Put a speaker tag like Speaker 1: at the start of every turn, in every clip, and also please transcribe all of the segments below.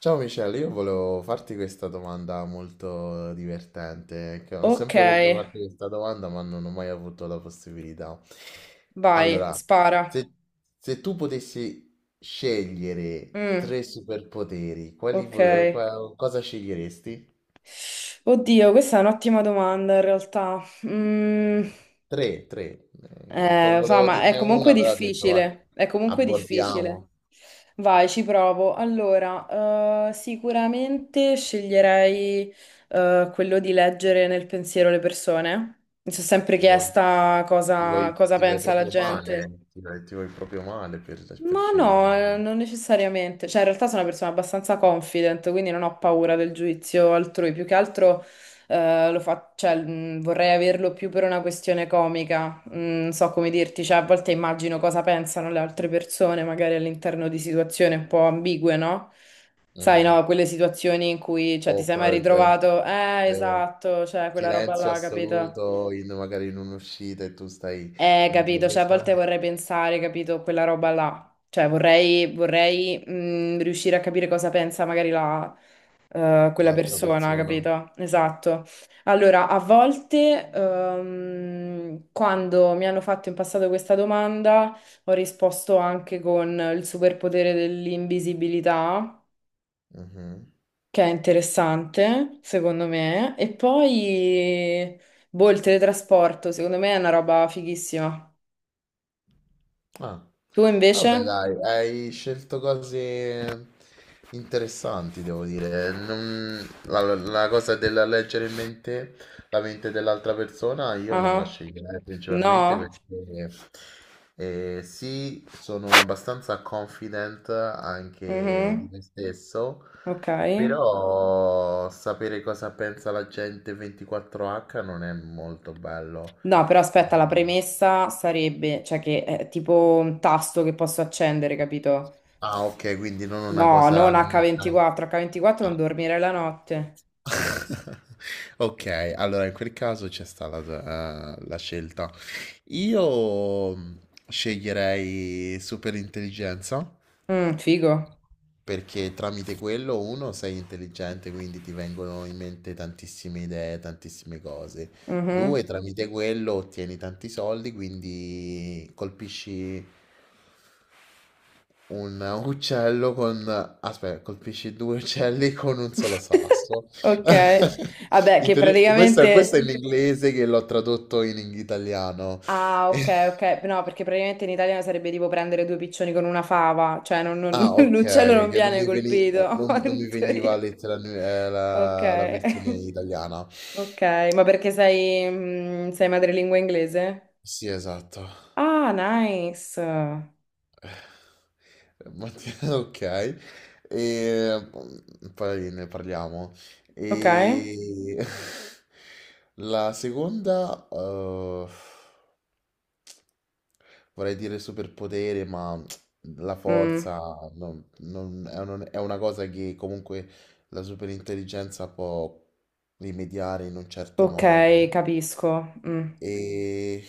Speaker 1: Ciao Michele, io volevo farti questa domanda molto divertente, che ho
Speaker 2: Ok,
Speaker 1: sempre voluto farti questa domanda, ma non ho mai avuto la possibilità.
Speaker 2: vai,
Speaker 1: Allora,
Speaker 2: spara.
Speaker 1: se, se tu potessi scegliere
Speaker 2: Mm,
Speaker 1: tre superpoteri,
Speaker 2: ok.
Speaker 1: cosa sceglieresti?
Speaker 2: Oddio, questa è un'ottima domanda in realtà. Mm,
Speaker 1: Tre, tre. Un po'
Speaker 2: eh, lo so,
Speaker 1: volevo
Speaker 2: ma è
Speaker 1: dirne
Speaker 2: comunque
Speaker 1: una, però ho detto, vai,
Speaker 2: difficile. È comunque difficile.
Speaker 1: abordiamo.
Speaker 2: Vai, ci provo. Allora, sicuramente sceglierei, quello di leggere nel pensiero le persone. Mi sono sempre
Speaker 1: Ti vuoi,
Speaker 2: chiesta
Speaker 1: ti
Speaker 2: cosa,
Speaker 1: vuoi-
Speaker 2: cosa
Speaker 1: ti vuoi
Speaker 2: pensa la
Speaker 1: proprio
Speaker 2: gente.
Speaker 1: male, ti vuoi proprio male per
Speaker 2: Ma
Speaker 1: scegliere.
Speaker 2: no, non necessariamente. Cioè, in realtà sono una persona abbastanza confident, quindi non ho paura del giudizio altrui. Più che altro cioè, vorrei averlo più per una questione comica. Non so come dirti, cioè, a volte immagino cosa pensano le altre persone, magari all'interno di situazioni un po' ambigue, no? Sai,
Speaker 1: Mh-mh.
Speaker 2: no, quelle situazioni in cui, cioè, ti sei mai
Speaker 1: Awkward,
Speaker 2: ritrovato,
Speaker 1: ehm,
Speaker 2: esatto, cioè, quella roba
Speaker 1: silenzio
Speaker 2: là, capito?
Speaker 1: assoluto in magari in un'uscita e tu stai:
Speaker 2: Eh,
Speaker 1: "Oddio
Speaker 2: capito,
Speaker 1: che
Speaker 2: cioè a
Speaker 1: sarà
Speaker 2: volte vorrei pensare, capito, quella roba là, cioè vorrei riuscire a capire cosa pensa magari quella
Speaker 1: l'altra
Speaker 2: persona,
Speaker 1: persona."
Speaker 2: capito? Esatto. Allora, a volte quando mi hanno fatto in passato questa domanda ho risposto anche con il superpotere dell'invisibilità,
Speaker 1: Mh-mh.
Speaker 2: che è interessante, secondo me, e poi, boh, il teletrasporto, secondo me è una roba fighissima.
Speaker 1: Ah,
Speaker 2: Tu invece?
Speaker 1: vabbè, dai, hai scelto cose interessanti, devo dire. La cosa della leggere in mente la mente dell'altra persona io non la
Speaker 2: Ah,
Speaker 1: sceglierei principalmente
Speaker 2: no?
Speaker 1: perché sì, sono abbastanza confident anche di
Speaker 2: Mhm,
Speaker 1: me stesso,
Speaker 2: ok.
Speaker 1: però sapere cosa pensa la gente 24H non è molto bello.
Speaker 2: No, però aspetta, la premessa sarebbe, cioè che è tipo un tasto che posso accendere, capito?
Speaker 1: Ah, ok, quindi non una
Speaker 2: No,
Speaker 1: cosa...
Speaker 2: non
Speaker 1: ah,
Speaker 2: H24, H24 non
Speaker 1: ah.
Speaker 2: dormire la notte.
Speaker 1: Ok, allora in quel caso c'è sta la scelta. Io sceglierei super intelligenza,
Speaker 2: Mm, figo.
Speaker 1: perché tramite quello uno sei intelligente, quindi ti vengono in mente tantissime idee, tantissime cose. Due,
Speaker 2: Mhm.
Speaker 1: tramite quello ottieni tanti soldi, quindi colpisci un uccello con... Aspetta, colpisci due uccelli con un solo sasso.
Speaker 2: Ok, vabbè,
Speaker 1: In
Speaker 2: che
Speaker 1: teoria- questo
Speaker 2: praticamente...
Speaker 1: è in inglese che l'ho tradotto in italiano.
Speaker 2: Ah, ok, ok, no, perché praticamente in italiano sarebbe tipo prendere due piccioni con una fava, cioè
Speaker 1: Ah, ok,
Speaker 2: l'uccello non
Speaker 1: che non
Speaker 2: viene
Speaker 1: mi veni- no,
Speaker 2: colpito,
Speaker 1: non- non
Speaker 2: in
Speaker 1: mi veniva,
Speaker 2: teoria.
Speaker 1: lettera- eh,
Speaker 2: Ok.
Speaker 1: la, la versione italiana.
Speaker 2: Ok, ma perché sei madrelingua inglese?
Speaker 1: Sì, esatto.
Speaker 2: Ah, nice.
Speaker 1: Mattina, ok. E poi ne parliamo.
Speaker 2: Ok.
Speaker 1: E la seconda, vorrei dire superpotere, ma la
Speaker 2: Mm,
Speaker 1: forza è una cosa che comunque la superintelligenza può rimediare in un certo modo.
Speaker 2: ok, capisco. Mm.
Speaker 1: E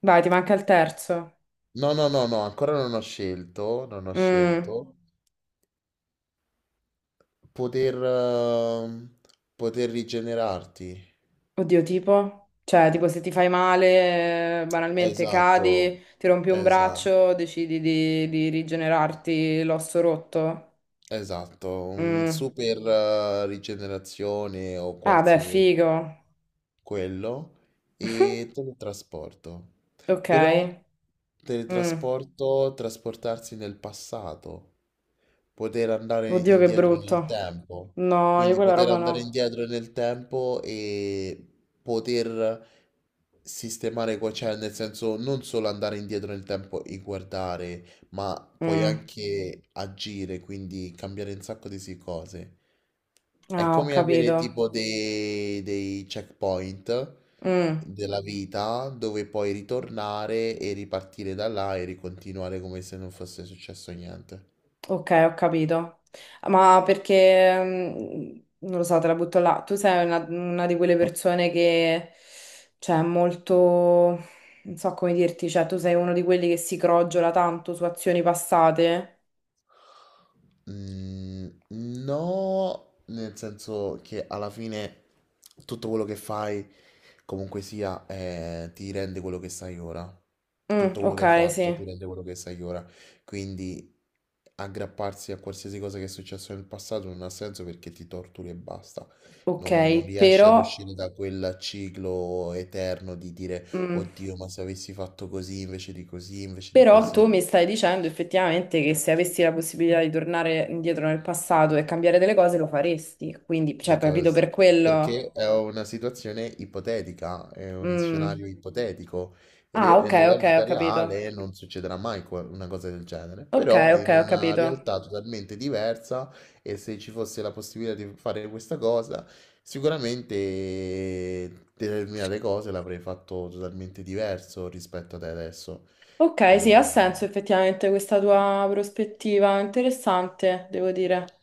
Speaker 2: Vai, ti manca il terzo.
Speaker 1: no, no, no, no, ancora non ho scelto, non ho
Speaker 2: Mm,
Speaker 1: scelto. Poter, eh, Poter rigenerarti.
Speaker 2: Oddio, tipo? Cioè, tipo se ti fai male, banalmente
Speaker 1: Esatto,
Speaker 2: cadi, ti rompi un
Speaker 1: esatto.
Speaker 2: braccio, decidi di rigenerarti l'osso rotto.
Speaker 1: Esatto, un
Speaker 2: Mm.
Speaker 1: super rigenerazione o
Speaker 2: Ah, beh,
Speaker 1: qualsiasi
Speaker 2: figo.
Speaker 1: quello, e teletrasporto.
Speaker 2: Ok.
Speaker 1: Però
Speaker 2: Mm.
Speaker 1: teletrasporto, trasportarsi nel passato, poter andare
Speaker 2: Oddio, che
Speaker 1: indietro nel
Speaker 2: brutto.
Speaker 1: tempo,
Speaker 2: No, io
Speaker 1: quindi
Speaker 2: quella
Speaker 1: poter
Speaker 2: roba
Speaker 1: andare
Speaker 2: no.
Speaker 1: indietro nel tempo e poter sistemare, cioè nel senso non solo andare indietro nel tempo e guardare, ma puoi
Speaker 2: Mm.
Speaker 1: anche agire, quindi cambiare un sacco di cose.
Speaker 2: Ah,
Speaker 1: È
Speaker 2: ho
Speaker 1: come avere
Speaker 2: capito.
Speaker 1: tipo dei checkpoint
Speaker 2: Mm,
Speaker 1: della vita dove puoi ritornare e ripartire da là e ricontinuare come se non fosse successo niente.
Speaker 2: ok, ho capito. Ma perché, non lo so, te la butto là. Tu sei una di quelle persone che, cioè, è molto, non so come dirti, cioè, tu sei uno di quelli che si crogiola tanto su azioni passate.
Speaker 1: No, nel senso che alla fine tutto quello che fai, comunque sia, ti rende quello che sai ora.
Speaker 2: Mm,
Speaker 1: Tutto quello che hai
Speaker 2: ok, sì.
Speaker 1: fatto ti rende quello che sai ora. Quindi aggrapparsi a qualsiasi cosa che è successo nel passato non ha senso, perché ti torturi e basta. Non
Speaker 2: Ok,
Speaker 1: riesci ad uscire da quel ciclo eterno di dire,
Speaker 2: mm,
Speaker 1: oddio, ma se avessi fatto così invece di così, invece di
Speaker 2: però tu
Speaker 1: così.
Speaker 2: mi stai dicendo effettivamente che se avessi la possibilità di tornare indietro nel passato e cambiare delle cose lo faresti. Quindi, cioè, capito
Speaker 1: Because,
Speaker 2: per quello.
Speaker 1: Perché è una situazione ipotetica, è un
Speaker 2: Mm.
Speaker 1: scenario ipotetico.
Speaker 2: Ah,
Speaker 1: Re- e
Speaker 2: ok,
Speaker 1: Nella
Speaker 2: ok, ho
Speaker 1: vita
Speaker 2: capito.
Speaker 1: reale non succederà mai una cosa del genere,
Speaker 2: Ok,
Speaker 1: però
Speaker 2: ok,
Speaker 1: in
Speaker 2: ho
Speaker 1: una
Speaker 2: capito.
Speaker 1: realtà totalmente diversa e se ci fosse la possibilità di fare questa cosa, sicuramente determinate cose l'avrei fatto totalmente diverso rispetto ad adesso.
Speaker 2: Ok, sì, ha
Speaker 1: E...
Speaker 2: senso effettivamente questa tua prospettiva. Interessante, devo dire.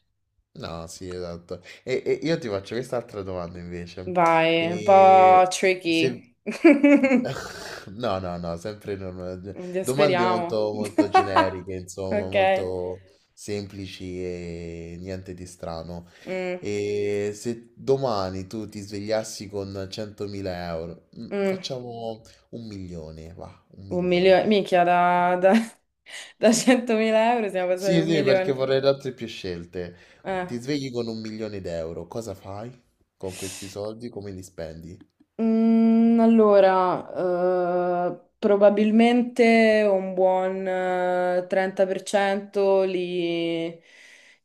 Speaker 1: No, sì, esatto. E io ti faccio quest'altra domanda invece.
Speaker 2: Vai, un po'
Speaker 1: E se...
Speaker 2: tricky.
Speaker 1: No, no, no, sempre non-
Speaker 2: Quindi
Speaker 1: domande
Speaker 2: speriamo.
Speaker 1: molto, molto generiche, insomma,
Speaker 2: Ok.
Speaker 1: molto semplici e niente di strano.
Speaker 2: Mm,
Speaker 1: E se domani tu ti svegliassi con €100.000,
Speaker 2: mm.
Speaker 1: facciamo un milione, va, un
Speaker 2: Un
Speaker 1: milione.
Speaker 2: milione. Minchia, da 100.000 euro siamo passati a
Speaker 1: Sì,
Speaker 2: un
Speaker 1: sì, perché
Speaker 2: milione.
Speaker 1: vorrei altre più scelte.
Speaker 2: Eh.
Speaker 1: Ti svegli con un milione d'euro, cosa fai con questi soldi? Come li spendi?
Speaker 2: Allora, probabilmente un buon 30% li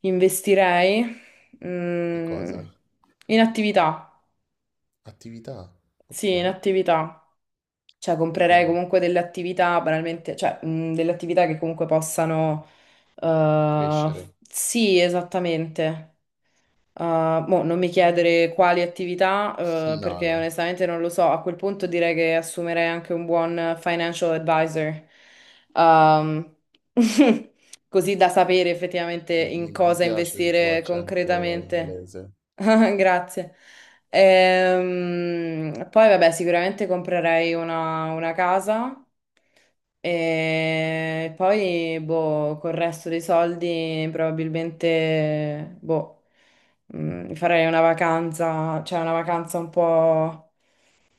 Speaker 2: investirei
Speaker 1: In
Speaker 2: mm,
Speaker 1: cosa?
Speaker 2: in attività,
Speaker 1: Attività,
Speaker 2: sì,
Speaker 1: ok.
Speaker 2: in attività. Cioè, comprerei
Speaker 1: Quindi
Speaker 2: comunque delle attività, banalmente, cioè, delle attività che comunque possano... eh,
Speaker 1: crescere.
Speaker 2: sì, esattamente. Mo non mi chiedere quali attività,
Speaker 1: No,
Speaker 2: perché
Speaker 1: no,
Speaker 2: onestamente non lo so. A quel punto direi che assumerei anche un buon financial advisor, Um, così da sapere effettivamente in
Speaker 1: mi
Speaker 2: cosa
Speaker 1: piace il tuo
Speaker 2: investire
Speaker 1: accento
Speaker 2: concretamente.
Speaker 1: inglese.
Speaker 2: Grazie. Poi, vabbè, sicuramente comprerei una casa. E poi, boh, col resto dei soldi probabilmente, boh, farei una vacanza, cioè una vacanza un po'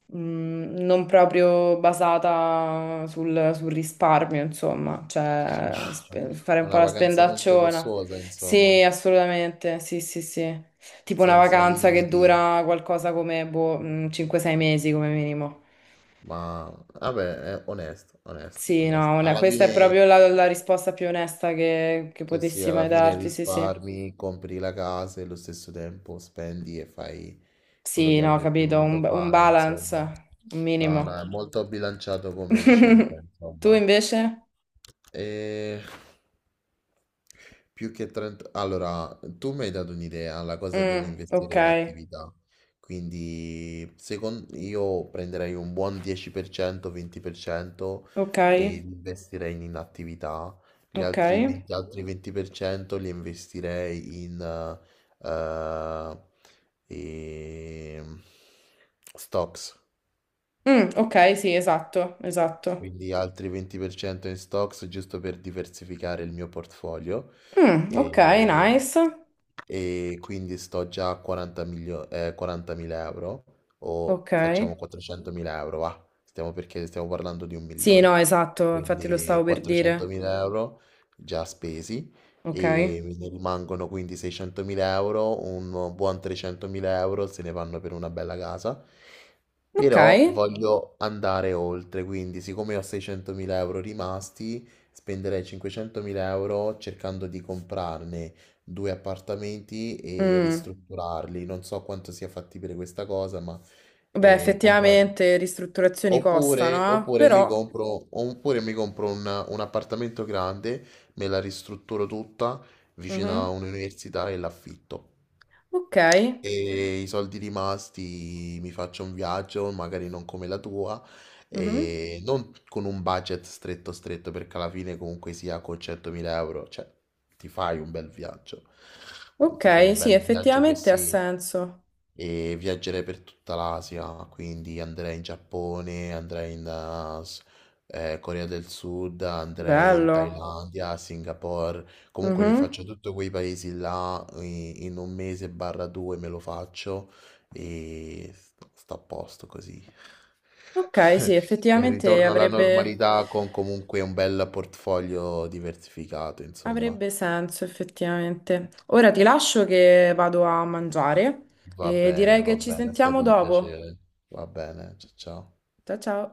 Speaker 2: non proprio basata sul risparmio, insomma, cioè fare un
Speaker 1: Una
Speaker 2: po' la
Speaker 1: vacanza molto
Speaker 2: spendacciona.
Speaker 1: lussuosa, insomma,
Speaker 2: Sì, assolutamente, sì, sì, sì. Tipo una
Speaker 1: senza
Speaker 2: vacanza che
Speaker 1: limiti,
Speaker 2: dura qualcosa come, boh, 5-6 mesi come minimo.
Speaker 1: ma vabbè, è onesto, onesto,
Speaker 2: Sì,
Speaker 1: onesto.
Speaker 2: no,
Speaker 1: Alla
Speaker 2: questa è
Speaker 1: fine
Speaker 2: proprio la risposta più onesta che
Speaker 1: sì, sì,
Speaker 2: potessi
Speaker 1: alla
Speaker 2: mai
Speaker 1: fine
Speaker 2: darti, sì, sì.
Speaker 1: risparmi, compri la casa e allo stesso tempo spendi e fai quello
Speaker 2: Sì,
Speaker 1: che
Speaker 2: no,
Speaker 1: avresti
Speaker 2: capito, un,
Speaker 1: voluto
Speaker 2: un
Speaker 1: fare,
Speaker 2: balance,
Speaker 1: insomma.
Speaker 2: un
Speaker 1: No, no, è
Speaker 2: minimo.
Speaker 1: molto bilanciato come scelta,
Speaker 2: Tu
Speaker 1: insomma.
Speaker 2: invece?
Speaker 1: E... Più che 30... Allora, tu mi hai dato un'idea, la cosa
Speaker 2: Mm, ok,
Speaker 1: dell'investire in attività. Quindi, secondo io prenderei un buon 10%, 20%
Speaker 2: ok,
Speaker 1: e li investirei in attività. Gli
Speaker 2: ok.
Speaker 1: altri 20, altri 20% li investirei in e- stocks,
Speaker 2: Mm, ok, sì, esatto, esatto.
Speaker 1: quindi altri 20% in stocks, giusto per diversificare il mio portfolio,
Speaker 2: Mm, ok,
Speaker 1: e,
Speaker 2: nice.
Speaker 1: e quindi sto già a €40.000, o
Speaker 2: Ok.
Speaker 1: facciamo €400.000, va, stiamo, perché stiamo parlando di un
Speaker 2: Sì, no,
Speaker 1: milione,
Speaker 2: esatto, infatti lo
Speaker 1: quindi
Speaker 2: stavo per dire.
Speaker 1: €400.000 già spesi
Speaker 2: Ok,
Speaker 1: e mi rimangono quindi €600.000, un buon €300.000 se ne vanno per una bella casa,
Speaker 2: ok.
Speaker 1: però voglio andare oltre, quindi siccome ho €600.000 rimasti, spenderei €500.000 cercando di comprarne due appartamenti e
Speaker 2: Mm.
Speaker 1: ristrutturarli, non so quanto sia fattibile questa cosa, ma
Speaker 2: Beh,
Speaker 1: comprarli.
Speaker 2: effettivamente ristrutturazioni
Speaker 1: Oppure,
Speaker 2: costano, eh?
Speaker 1: oppure mi
Speaker 2: Però...
Speaker 1: compro, oppure mi compro un appartamento grande, me la ristrutturo tutta vicino a
Speaker 2: Mhm.
Speaker 1: un'università e l'affitto.
Speaker 2: Ok,
Speaker 1: E i soldi rimasti mi faccio un viaggio, magari non come la tua,
Speaker 2: mhm.
Speaker 1: e non con un budget stretto stretto, perché alla fine comunque sia con €100.000, cioè, ti fai un bel viaggio, ti fai
Speaker 2: Ok,
Speaker 1: un
Speaker 2: sì,
Speaker 1: bel viaggio che
Speaker 2: effettivamente ha
Speaker 1: sì,
Speaker 2: senso.
Speaker 1: e viaggerei per tutta l'Asia, quindi andrei in Giappone, andrei in Corea del Sud, andrei in
Speaker 2: Bello.
Speaker 1: Thailandia, Singapore, comunque mi
Speaker 2: Mhm.
Speaker 1: faccio tutti quei paesi là in un mese barra due me lo faccio e sto a posto così.
Speaker 2: Ok, sì,
Speaker 1: E
Speaker 2: effettivamente
Speaker 1: ritorno alla
Speaker 2: avrebbe,
Speaker 1: normalità con comunque un bel portfolio diversificato, insomma.
Speaker 2: avrebbe senso, effettivamente. Ora ti lascio che vado a mangiare e direi
Speaker 1: Va
Speaker 2: che ci
Speaker 1: bene, è
Speaker 2: sentiamo
Speaker 1: stato un
Speaker 2: dopo.
Speaker 1: piacere. Va bene, ciao ciao.
Speaker 2: Ciao ciao.